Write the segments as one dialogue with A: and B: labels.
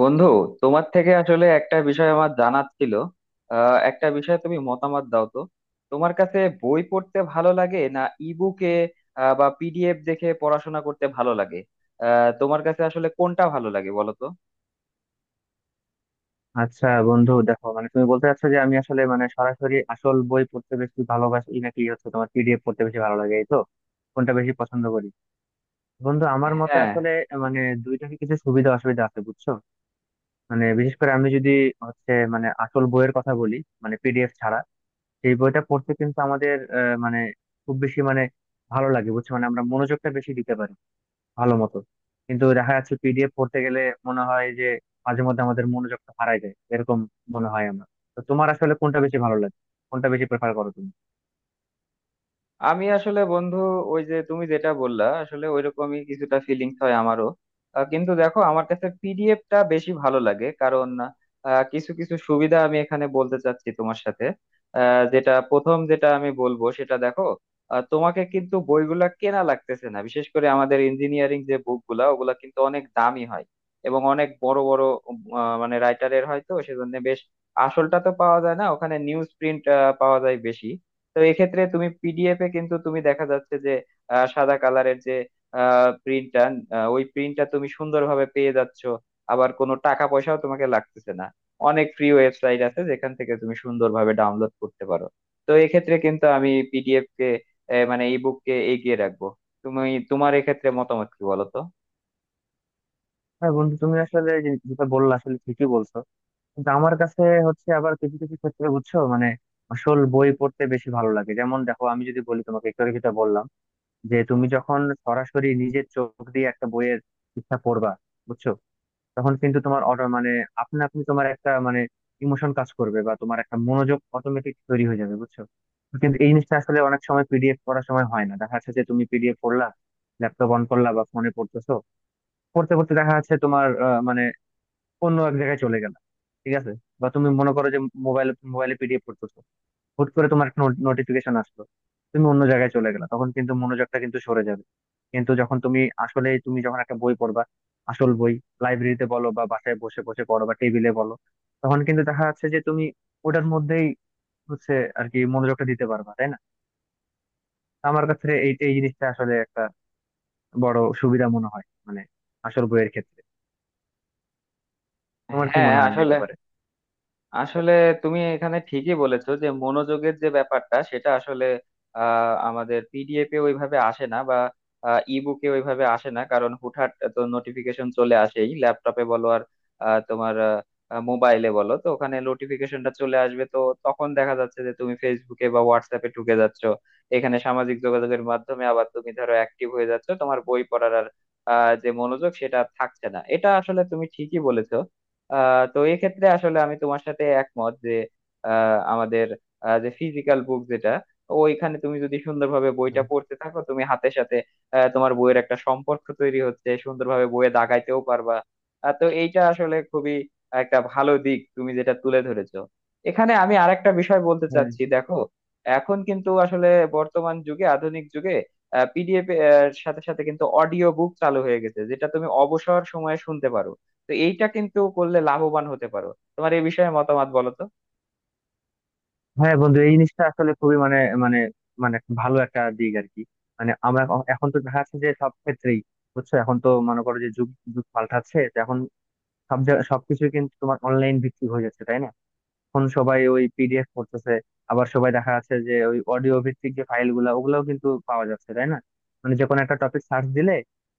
A: বন্ধু, তোমার থেকে আসলে একটা বিষয় আমার জানার ছিল। একটা বিষয়ে তুমি মতামত দাও তো। তোমার কাছে বই পড়তে ভালো লাগে না, ইবুকে বা পিডিএফ দেখে পড়াশোনা করতে ভালো লাগে? তোমার কাছে আসলে কোনটা ভালো লাগে বলো তো।
B: আচ্ছা বন্ধু দেখো, তুমি বলতে চাচ্ছ যে আমি আসলে সরাসরি আসল বই পড়তে বেশি ভালোবাসি, নাকি হচ্ছে তোমার পিডিএফ পড়তে বেশি ভালো লাগে, এই তো? কোনটা বেশি পছন্দ করি? বন্ধু, আমার মতে
A: হ্যাঁ,
B: আসলে দুইটারই কিছু সুবিধা অসুবিধা আছে, বুঝছো। বিশেষ করে আমি যদি হচ্ছে মানে আসল বইয়ের কথা বলি, পিডিএফ ছাড়া সেই বইটা পড়তে কিন্তু আমাদের আহ, মানে খুব বেশি ভালো লাগে, বুঝছো। আমরা মনোযোগটা বেশি দিতে পারি ভালো মতো। কিন্তু দেখা যাচ্ছে পিডিএফ পড়তে গেলে মনে হয় যে মাঝে মধ্যে আমাদের মনোযোগটা হারায় যায়, এরকম মনে হয় আমার। তো তোমার আসলে কোনটা বেশি ভালো লাগে? কোনটা বেশি প্রেফার করো তুমি?
A: আমি আসলে বন্ধু, ওই যে তুমি যেটা বললা, আসলে ওইরকমই কিছুটা ফিলিংস হয় আমারও। কিন্তু দেখো, আমার কাছে পিডিএফটা বেশি ভালো লাগে, কারণ কিছু কিছু সুবিধা আমি এখানে বলতে চাচ্ছি তোমার সাথে। যেটা আমি বলবো সেটা দেখো, তোমাকে কিন্তু বইগুলা কেনা লাগতেছে না। বিশেষ করে আমাদের ইঞ্জিনিয়ারিং যে বুকগুলা, ওগুলা কিন্তু অনেক দামি হয় এবং অনেক বড় বড় মানে রাইটারের হয়, তো সেজন্য বেশ আসলটা তো পাওয়া যায় না, ওখানে নিউজ প্রিন্ট পাওয়া যায় বেশি। তো এক্ষেত্রে তুমি পিডিএফ এ কিন্তু তুমি দেখা যাচ্ছে যে সাদা কালারের যে প্রিন্টটা, ওই প্রিন্টটা তুমি সুন্দরভাবে পেয়ে যাচ্ছ। আবার কোনো টাকা পয়সাও তোমাকে লাগতেছে না, অনেক ফ্রি ওয়েবসাইট আছে যেখান থেকে তুমি সুন্দরভাবে ডাউনলোড করতে পারো। তো এক্ষেত্রে কিন্তু আমি পিডিএফ কে, মানে ইবুক কে এগিয়ে রাখবো। তুমি, তোমার এক্ষেত্রে মতামত কি বলো তো।
B: হ্যাঁ বন্ধু, তুমি আসলে যেটা বললা, আসলে ঠিকই বলছো। কিন্তু আমার কাছে আবার কিছু কিছু ক্ষেত্রে, বুঝছো, আসল বই পড়তে বেশি ভালো লাগে। যেমন দেখো, আমি যদি বলি তোমাকে, একটু আগে যেটা বললাম যে তুমি যখন সরাসরি নিজের চোখ দিয়ে একটা বইয়ের ইচ্ছা পড়বা, বুঝছো, তখন কিন্তু তোমার অটো আপনা আপনি তোমার একটা ইমোশন কাজ করবে, বা তোমার একটা মনোযোগ অটোমেটিক তৈরি হয়ে যাবে, বুঝছো। কিন্তু এই জিনিসটা আসলে অনেক সময় পিডিএফ পড়ার সময় হয় না। দেখা যাচ্ছে যে তুমি পিডিএফ পড়লা, ল্যাপটপ অন করলা বা ফোনে পড়তেছো, পড়তে পড়তে দেখা যাচ্ছে তোমার আহ, মানে অন্য এক জায়গায় চলে গেলা, ঠিক আছে? বা তুমি মনে করো যে মোবাইলে পিডিএফ পড়তেছো, হুট করে তোমার একটা নোটিফিকেশন আসলো, তুমি অন্য জায়গায় চলে গেলে, তখন কিন্তু মনোযোগটা কিন্তু সরে যাবে। কিন্তু যখন তুমি আসলে তুমি যখন একটা বই পড়বা, আসল বই, লাইব্রেরিতে বলো বা বাসায় বসে বসে পড়ো বা টেবিলে বলো, তখন কিন্তু দেখা যাচ্ছে যে তুমি ওটার মধ্যেই আর কি মনোযোগটা দিতে পারবা, তাই না? তো আমার কাছে এই এই জিনিসটা আসলে একটা বড় সুবিধা মনে হয়, আসল বইয়ের ক্ষেত্রে। তোমার কি
A: হ্যাঁ
B: মনে হয় এই
A: আসলে,
B: ব্যাপারে?
A: আসলে তুমি এখানে ঠিকই বলেছো যে মনোযোগের যে ব্যাপারটা, সেটা আসলে আমাদের পিডিএফ এ ওইভাবে আসে না বা ইবুকে ওইভাবে আসে না, কারণ হুটহাট তো নোটিফিকেশন চলে আসেই, ল্যাপটপে বলো আর তোমার মোবাইলে বলো, তো ওখানে নোটিফিকেশনটা চলে আসবে তো। তখন দেখা যাচ্ছে যে তুমি ফেসবুকে বা হোয়াটসঅ্যাপে ঢুকে যাচ্ছ। এখানে সামাজিক যোগাযোগের মাধ্যমে আবার তুমি ধরো অ্যাক্টিভ হয়ে যাচ্ছ, তোমার বই পড়ার আর যে মনোযোগ সেটা আর থাকছে না। এটা আসলে তুমি ঠিকই বলেছো। তো এক্ষেত্রে আসলে আমি তোমার সাথে একমত যে আমাদের যে ফিজিক্যাল বুক, যেটা ওইখানে তুমি যদি সুন্দরভাবে বইটা
B: হুম।
A: পড়তে থাকো তুমি হাতের সাথে, তোমার বইয়ের একটা সম্পর্ক তৈরি হচ্ছে, সুন্দরভাবে বইয়ে দাগাইতেও পারবা। তো এইটা আসলে খুবই একটা ভালো দিক, তুমি যেটা তুলে ধরেছো। এখানে আমি আরেকটা বিষয় বলতে
B: হ্যাঁ
A: চাচ্ছি দেখো। এখন কিন্তু আসলে বর্তমান যুগে, আধুনিক যুগে পিডিএফ এর সাথে সাথে কিন্তু অডিও বুক চালু হয়ে গেছে, যেটা তুমি অবসর সময়ে শুনতে পারো। তো এইটা কিন্তু করলে লাভবান হতে পারো। তোমার এই বিষয়ে মতামত বলো তো।
B: হ্যাঁ বন্ধু, এই জিনিসটা আসলে খুবই মানে মানে মানে একটা ভালো একটা দিক, আর কি। আমরা এখন এখন তো দেখা যাচ্ছে যে সব ক্ষেত্রেই, বুঝছো, এখন তো মনে করো যে যুগ যুগ পাল্টাচ্ছে। তো এখন সবকিছু কিন্তু তোমার অনলাইন ভিত্তিক হয়ে যাচ্ছে, তাই না? এখন সবাই ওই পিডিএফ করতেছে। আবার সবাই দেখা যাচ্ছে যে ওই অডিও ভিত্তিক যে ফাইল গুলা ওগুলাও কিন্তু পাওয়া যাচ্ছে, তাই না? যে কোনো একটা টপিক সার্চ দিলে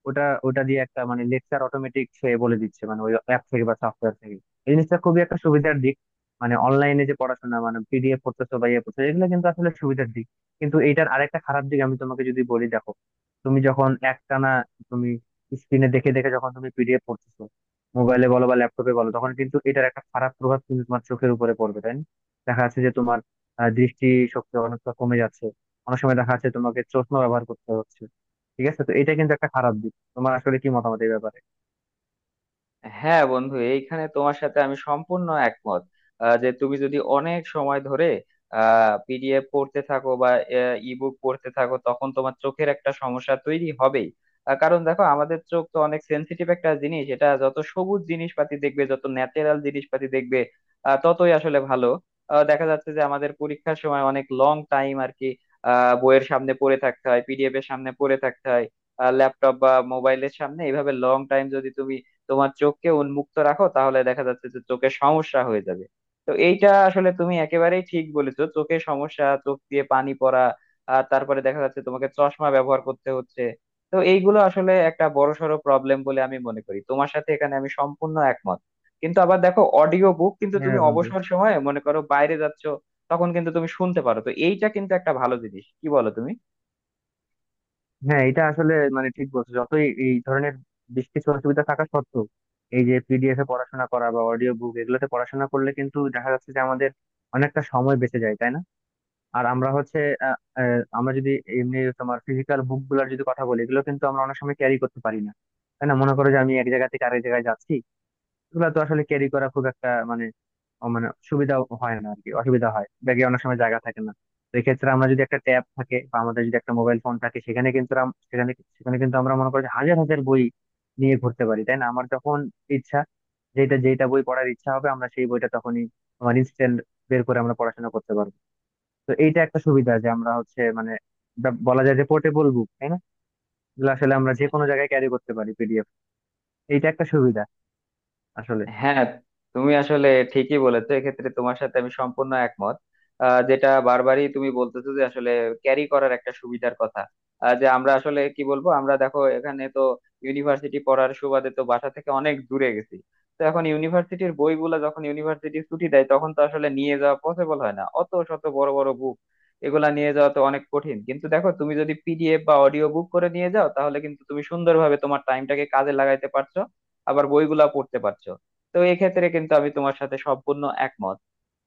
B: ওটা ওটা দিয়ে একটা লেকচার অটোমেটিক সে বলে দিচ্ছে, ওই অ্যাপ থেকে বা সফটওয়্যার থেকে। এই জিনিসটা খুবই একটা সুবিধার দিক। অনলাইনে যে পড়াশোনা, পিডিএফ পড়তেছো বা ইয়ে পড়তেছো, এগুলো কিন্তু আসলে সুবিধার দিক। কিন্তু এইটার আরেকটা খারাপ দিক আমি তোমাকে যদি বলি, দেখো, তুমি যখন একটানা তুমি স্ক্রিনে দেখে দেখে যখন তুমি পিডিএফ পড়তেছো, মোবাইলে বলো বা ল্যাপটপে বলো, তখন কিন্তু এটার একটা খারাপ প্রভাব কিন্তু তোমার চোখের উপরে পড়বে, তাই না? দেখা যাচ্ছে যে তোমার দৃষ্টিশক্তি অনেকটা কমে যাচ্ছে, অনেক সময় দেখা যাচ্ছে তোমাকে চশমা ব্যবহার করতে হচ্ছে, ঠিক আছে? তো এটা কিন্তু একটা খারাপ দিক। তোমার আসলে কি মতামত এই ব্যাপারে?
A: হ্যাঁ বন্ধু, এইখানে তোমার সাথে আমি সম্পূর্ণ একমত। যে তুমি যদি অনেক সময় ধরে পিডিএফ পড়তে থাকো বা ইবুক পড়তে থাকো, তখন তোমার চোখের একটা সমস্যা তৈরি হবেই। কারণ দেখো, আমাদের চোখ তো অনেক সেন্সিটিভ একটা জিনিস। এটা যত সবুজ জিনিসপাতি দেখবে, যত ন্যাচারাল জিনিসপাতি দেখবে ততই আসলে ভালো। দেখা যাচ্ছে যে আমাদের পরীক্ষার সময় অনেক লং টাইম আর কি বইয়ের সামনে পড়ে থাকতে হয়, পিডিএফ এর সামনে পড়ে থাকতে হয়, ল্যাপটপ বা মোবাইলের সামনে এইভাবে লং টাইম যদি তুমি তোমার চোখকে উন্মুক্ত রাখো, তাহলে দেখা যাচ্ছে যে চোখের সমস্যা হয়ে যাবে। তো এইটা আসলে তুমি একেবারেই ঠিক বলেছো, চোখের সমস্যা, চোখ দিয়ে পানি পড়া, আর তারপরে দেখা যাচ্ছে তোমাকে চশমা ব্যবহার করতে হচ্ছে। তো এইগুলো আসলে একটা বড়সড় প্রবলেম বলে আমি মনে করি, তোমার সাথে এখানে আমি সম্পূর্ণ একমত। কিন্তু আবার দেখো, অডিও বুক কিন্তু তুমি
B: হ্যাঁ বন্ধু।
A: অবসর সময়ে, মনে করো বাইরে যাচ্ছো, তখন কিন্তু তুমি শুনতে পারো। তো এইটা কিন্তু একটা ভালো জিনিস, কি বলো তুমি?
B: হ্যাঁ, এটা আসলে ঠিক বলছো। যতই এই ধরনের বেশ কিছু অসুবিধা থাকা সত্ত্বেও এই যে পিডিএফ এ পড়াশোনা করা বা অডিও বুক এগুলোতে পড়াশোনা করলে কিন্তু দেখা যাচ্ছে যে আমাদের অনেকটা সময় বেঁচে যায়, তাই না? আর আমরা আহ, আমরা যদি এমনি তোমার ফিজিক্যাল বুক গুলার যদি কথা বলি, এগুলো কিন্তু আমরা অনেক সময় ক্যারি করতে পারি না, তাই না? মনে করো যে আমি এক জায়গা থেকে আরেক জায়গায় যাচ্ছি, এগুলো তো আসলে ক্যারি করা খুব একটা মানে ও মানে সুবিধা হয় না, আর কি। অসুবিধা হয়, ব্যাগে অনেক সময় জায়গা থাকে না। তো এক্ষেত্রে আমরা যদি একটা ট্যাব থাকে বা আমাদের যদি একটা মোবাইল ফোন থাকে, সেখানে কিন্তু আম- সেখানে সেখানে কিন্তু আমরা মনে করি যে হাজার হাজার বই নিয়ে ঘুরতে পারি, তাই না? আমার যখন ইচ্ছা, যেটা যেটা বই পড়ার ইচ্ছা হবে, আমরা সেই বইটা তখনই আমার ইনস্ট্যান্ট বের করে আমরা পড়াশোনা করতে পারবো। তো এইটা একটা সুবিধা যে আমরা বলা যায় যে পোর্টেবল বুক, তাই না? এগুলো আসলে আমরা যে কোনো জায়গায় ক্যারি করতে পারি, পিডিএফ। এইটা একটা সুবিধা আসলে।
A: হ্যাঁ, তুমি আসলে ঠিকই বলেছো, এক্ষেত্রে তোমার সাথে আমি সম্পূর্ণ একমত। যেটা বারবারই তুমি বলতেছো, যে আসলে ক্যারি করার একটা সুবিধার কথা। যে আমরা আসলে কি বলবো, আমরা দেখো এখানে তো ইউনিভার্সিটি পড়ার সুবাদে তো বাসা থেকে অনেক দূরে গেছি। তো এখন ইউনিভার্সিটির বইগুলা যখন ইউনিভার্সিটি ছুটি দেয়, তখন তো আসলে নিয়ে যাওয়া পসিবল হয় না অত শত বড় বড় বুক। এগুলা নিয়ে যাওয়া তো অনেক কঠিন। কিন্তু দেখো, তুমি যদি পিডিএফ বা অডিও বুক করে নিয়ে যাও, তাহলে কিন্তু তুমি সুন্দরভাবে তোমার টাইমটাকে কাজে লাগাইতে পারছো, আবার বইগুলা পড়তে পারছো। তো এক্ষেত্রে কিন্তু আমি তোমার সাথে সম্পূর্ণ একমত।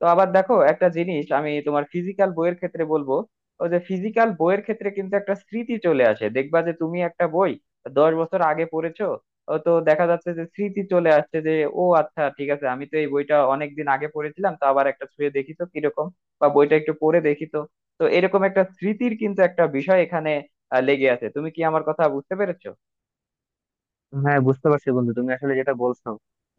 A: তো আবার দেখো, একটা জিনিস আমি তোমার ফিজিক্যাল বইয়ের ক্ষেত্রে বলবো। ও, যে ফিজিক্যাল বইয়ের ক্ষেত্রে কিন্তু একটা স্মৃতি চলে আসে, দেখবা যে তুমি একটা বই 10 বছর আগে পড়েছো, ও তো দেখা যাচ্ছে যে স্মৃতি চলে আসছে যে, ও আচ্ছা ঠিক আছে, আমি তো এই বইটা অনেক দিন আগে পড়েছিলাম, তো আবার একটা ছুঁয়ে দেখি তো কিরকম, বা বইটা একটু পড়ে দেখি তো। তো এরকম একটা স্মৃতির কিন্তু একটা বিষয় এখানে লেগে আছে। তুমি কি আমার কথা বুঝতে পেরেছো?
B: হ্যাঁ, বুঝতে পারছি বন্ধু, তুমি আসলে যেটা বলছো,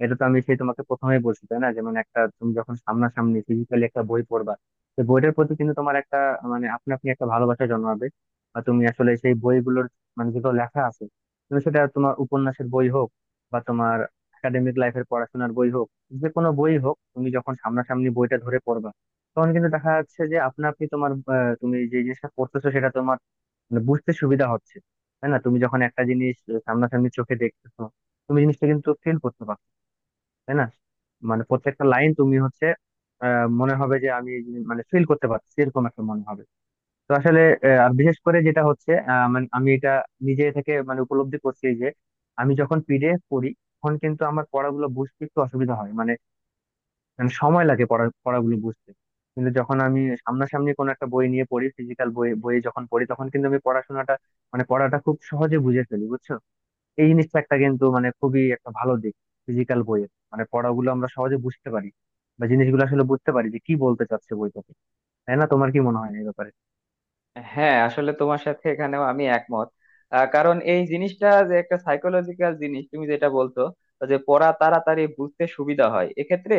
B: এটা তো আমি সেই তোমাকে প্রথমেই বলছি, তাই না? যেমন একটা তুমি যখন সামনাসামনি ফিজিক্যালি একটা বই পড়বা, তো বইটার প্রতি কিন্তু তোমার একটা আপনি আপনি একটা ভালোবাসা জন্মাবে। বা তুমি আসলে সেই বইগুলোর যেগুলো লেখা আছে, তুমি সেটা তোমার উপন্যাসের বই হোক বা তোমার একাডেমিক লাইফের পড়াশোনার বই হোক, যে কোনো বই হোক, তুমি যখন সামনাসামনি বইটা ধরে পড়বা, তখন কিন্তু দেখা যাচ্ছে যে আপনা আপনি তোমার তুমি যে জিনিসটা পড়তেছো সেটা তোমার বুঝতে সুবিধা হচ্ছে, তাই না? তুমি যখন একটা জিনিস সামনাসামনি চোখে দেখতেছো, তুমি জিনিসটা কিন্তু ফিল করতে পারছো, তাই না? প্রত্যেকটা লাইন তুমি মনে হবে যে আমি এই জিনিস- মানে ফিল করতে পারছি, এরকম একটা মনে হবে। তো আসলে আর বিশেষ করে যেটা হচ্ছে, আহ, মানে আমি এটা নিজে থেকে উপলব্ধি করছি যে আমি যখন পিডিএফ পড়ি, তখন কিন্তু আমার পড়াগুলো বুঝতে একটু অসুবিধা হয়, মানে মানে সময় লাগে পড়াগুলো বুঝতে। কিন্তু যখন আমি সামনাসামনি কোনো একটা বই নিয়ে পড়ি, ফিজিক্যাল বইয়ে যখন পড়ি, তখন কিন্তু আমি পড়াশোনাটা পড়াটা খুব সহজে বুঝে ফেলি, বুঝছো। এই জিনিসটা একটা কিন্তু খুবই একটা ভালো দিক, ফিজিক্যাল বইয়ের পড়াগুলো আমরা সহজে বুঝতে পারি বা জিনিসগুলো আসলে বুঝতে পারি যে কি বলতে চাচ্ছে বইটাতে, তাই না? তোমার কি মনে হয় এই ব্যাপারে?
A: হ্যাঁ আসলে, তোমার সাথে এখানেও আমি একমত, কারণ এই জিনিসটা যে একটা সাইকোলজিক্যাল জিনিস, তুমি যেটা বলছো যে পড়া তাড়াতাড়ি বুঝতে সুবিধা হয় এক্ষেত্রে।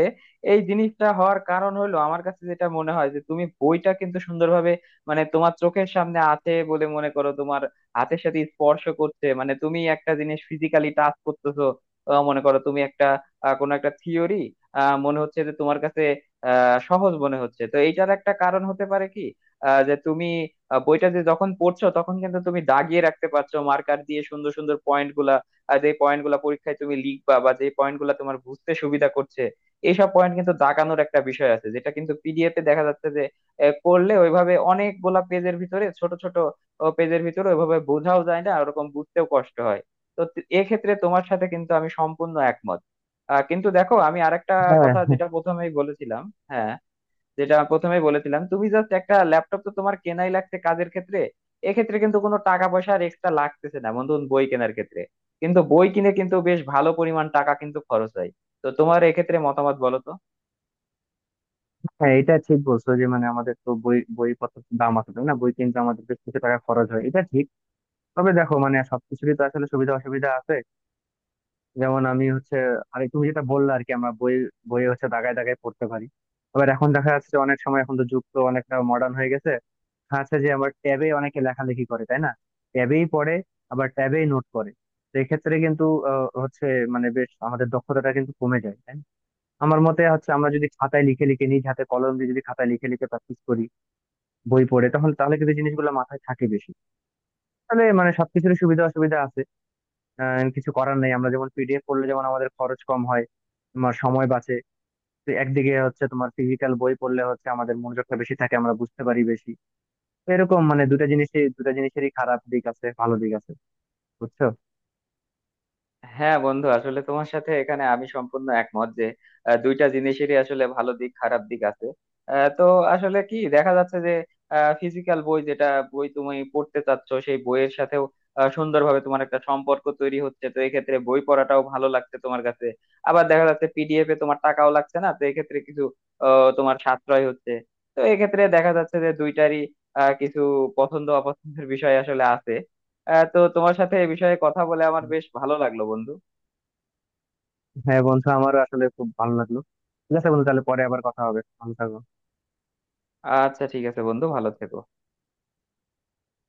A: এই জিনিসটা হওয়ার কারণ হলো, আমার কাছে যেটা মনে হয়, যে তুমি বইটা কিন্তু সুন্দরভাবে মানে তোমার চোখের সামনে আছে বলে, মনে করো তোমার হাতের সাথে স্পর্শ করছে, মানে তুমি একটা জিনিস ফিজিক্যালি টাচ করতেছো। মনে করো তুমি একটা কোনো একটা থিওরি মনে হচ্ছে যে তোমার কাছে সহজ মনে হচ্ছে। তো এইটার একটা কারণ হতে পারে কি, যে তুমি বইটা যে যখন পড়ছো, তখন কিন্তু তুমি দাগিয়ে রাখতে পারছো মার্কার দিয়ে সুন্দর সুন্দর পয়েন্ট গুলা। আর যে পয়েন্ট গুলা পরীক্ষায় তুমি লিখবা, বা যে পয়েন্ট গুলা তোমার বুঝতে সুবিধা করছে, এইসব পয়েন্ট কিন্তু দাগানোর একটা বিষয় আছে, যেটা কিন্তু পিডিএফ এ দেখা যাচ্ছে যে করলে ওইভাবে অনেকগুলা পেজের ভিতরে, ছোট ছোট পেজের ভিতরে ওইভাবে বোঝাও যায় না, ওরকম বুঝতেও কষ্ট হয়। তো এক্ষেত্রে তোমার সাথে কিন্তু আমি সম্পূর্ণ একমত। কিন্তু দেখো, আমি আরেকটা
B: হ্যাঁ।
A: কথা যেটা প্রথমেই বলেছিলাম, হ্যাঁ, যেটা প্রথমে বলেছিলাম, তুমি জাস্ট একটা ল্যাপটপ তো তোমার কেনাই লাগছে কাজের ক্ষেত্রে। এক্ষেত্রে কিন্তু কোনো টাকা পয়সা আর এক্সট্রা লাগতেছে না বন্ধু, বই কেনার ক্ষেত্রে। কিন্তু বই কিনে কিন্তু বেশ ভালো পরিমাণ টাকা কিন্তু খরচ হয়। তো তোমার এক্ষেত্রে মতামত বলো তো।
B: হ্যাঁ, এটা ঠিক বলছো যে আমাদের তো বইপত্র দাম আছে, তাই না? বই কিনতে আমাদের বেশ কিছু টাকা খরচ হয়, এটা ঠিক। তবে দেখো, সবকিছুরই তো আসলে সুবিধা অসুবিধা আছে। যেমন আমি আর তুমি যেটা বললে আর কি, আমরা বই বই হচ্ছে দাগায় দাগায় পড়তে পারি। আবার এখন দেখা যাচ্ছে যে অনেক সময় এখন তো যুগ তো অনেকটা মডার্ন হয়ে গেছে, দেখা যাচ্ছে যে আমার ট্যাবে অনেকে লেখালেখি করে, তাই না? ট্যাবেই পড়ে, আবার ট্যাবেই নোট করে। তো এক্ষেত্রে কিন্তু আহ, হচ্ছে মানে বেশ আমাদের দক্ষতাটা কিন্তু কমে যায়, তাই না? আমার মতে হচ্ছে, আমরা যদি খাতায় লিখে লিখে নিজ হাতে কলম দিয়ে যদি খাতায় লিখে লিখে প্র্যাকটিস করি, বই পড়ে তখন, তাহলে কিন্তু জিনিসগুলো মাথায় থাকে বেশি। তাহলে সবকিছুর সুবিধা অসুবিধা আছে, কিছু করার নেই। আমরা যেমন পিডিএফ পড়লে যেমন আমাদের খরচ কম হয়, তোমার সময় বাঁচে। তো একদিকে হচ্ছে তোমার ফিজিক্যাল বই পড়লে হচ্ছে আমাদের মনোযোগটা বেশি থাকে, আমরা বুঝতে পারি বেশি। তো এরকম মানে দুটা জিনিসই দুটা জিনিসেরই খারাপ দিক আছে, ভালো দিক আছে, বুঝছো।
A: হ্যাঁ বন্ধু, আসলে তোমার সাথে এখানে আমি সম্পূর্ণ একমত যে দুইটা জিনিসেরই আসলে ভালো দিক খারাপ দিক আছে। তো আসলে কি দেখা যাচ্ছে যে ফিজিক্যাল বই যেটা বই তুমি পড়তে চাচ্ছ, সেই বইয়ের সাথেও সুন্দরভাবে তোমার একটা সম্পর্ক তৈরি হচ্ছে। তো এক্ষেত্রে বই পড়াটাও ভালো লাগছে তোমার কাছে। আবার দেখা যাচ্ছে পিডিএফ এ তোমার টাকাও লাগছে না, তো এক্ষেত্রে কিছু তোমার সাশ্রয় হচ্ছে। তো এক্ষেত্রে দেখা যাচ্ছে যে দুইটারই কিছু পছন্দ অপছন্দের বিষয় আসলে আছে। তো তোমার সাথে এ বিষয়ে কথা বলে আমার বেশ ভালো লাগলো বন্ধু।
B: হ্যাঁ বন্ধু, আমারও আসলে খুব ভালো লাগলো। ঠিক আছে বন্ধু, তাহলে পরে আবার কথা হবে, ভালো থাকো।
A: আচ্ছা ঠিক আছে বন্ধু, ভালো থেকো।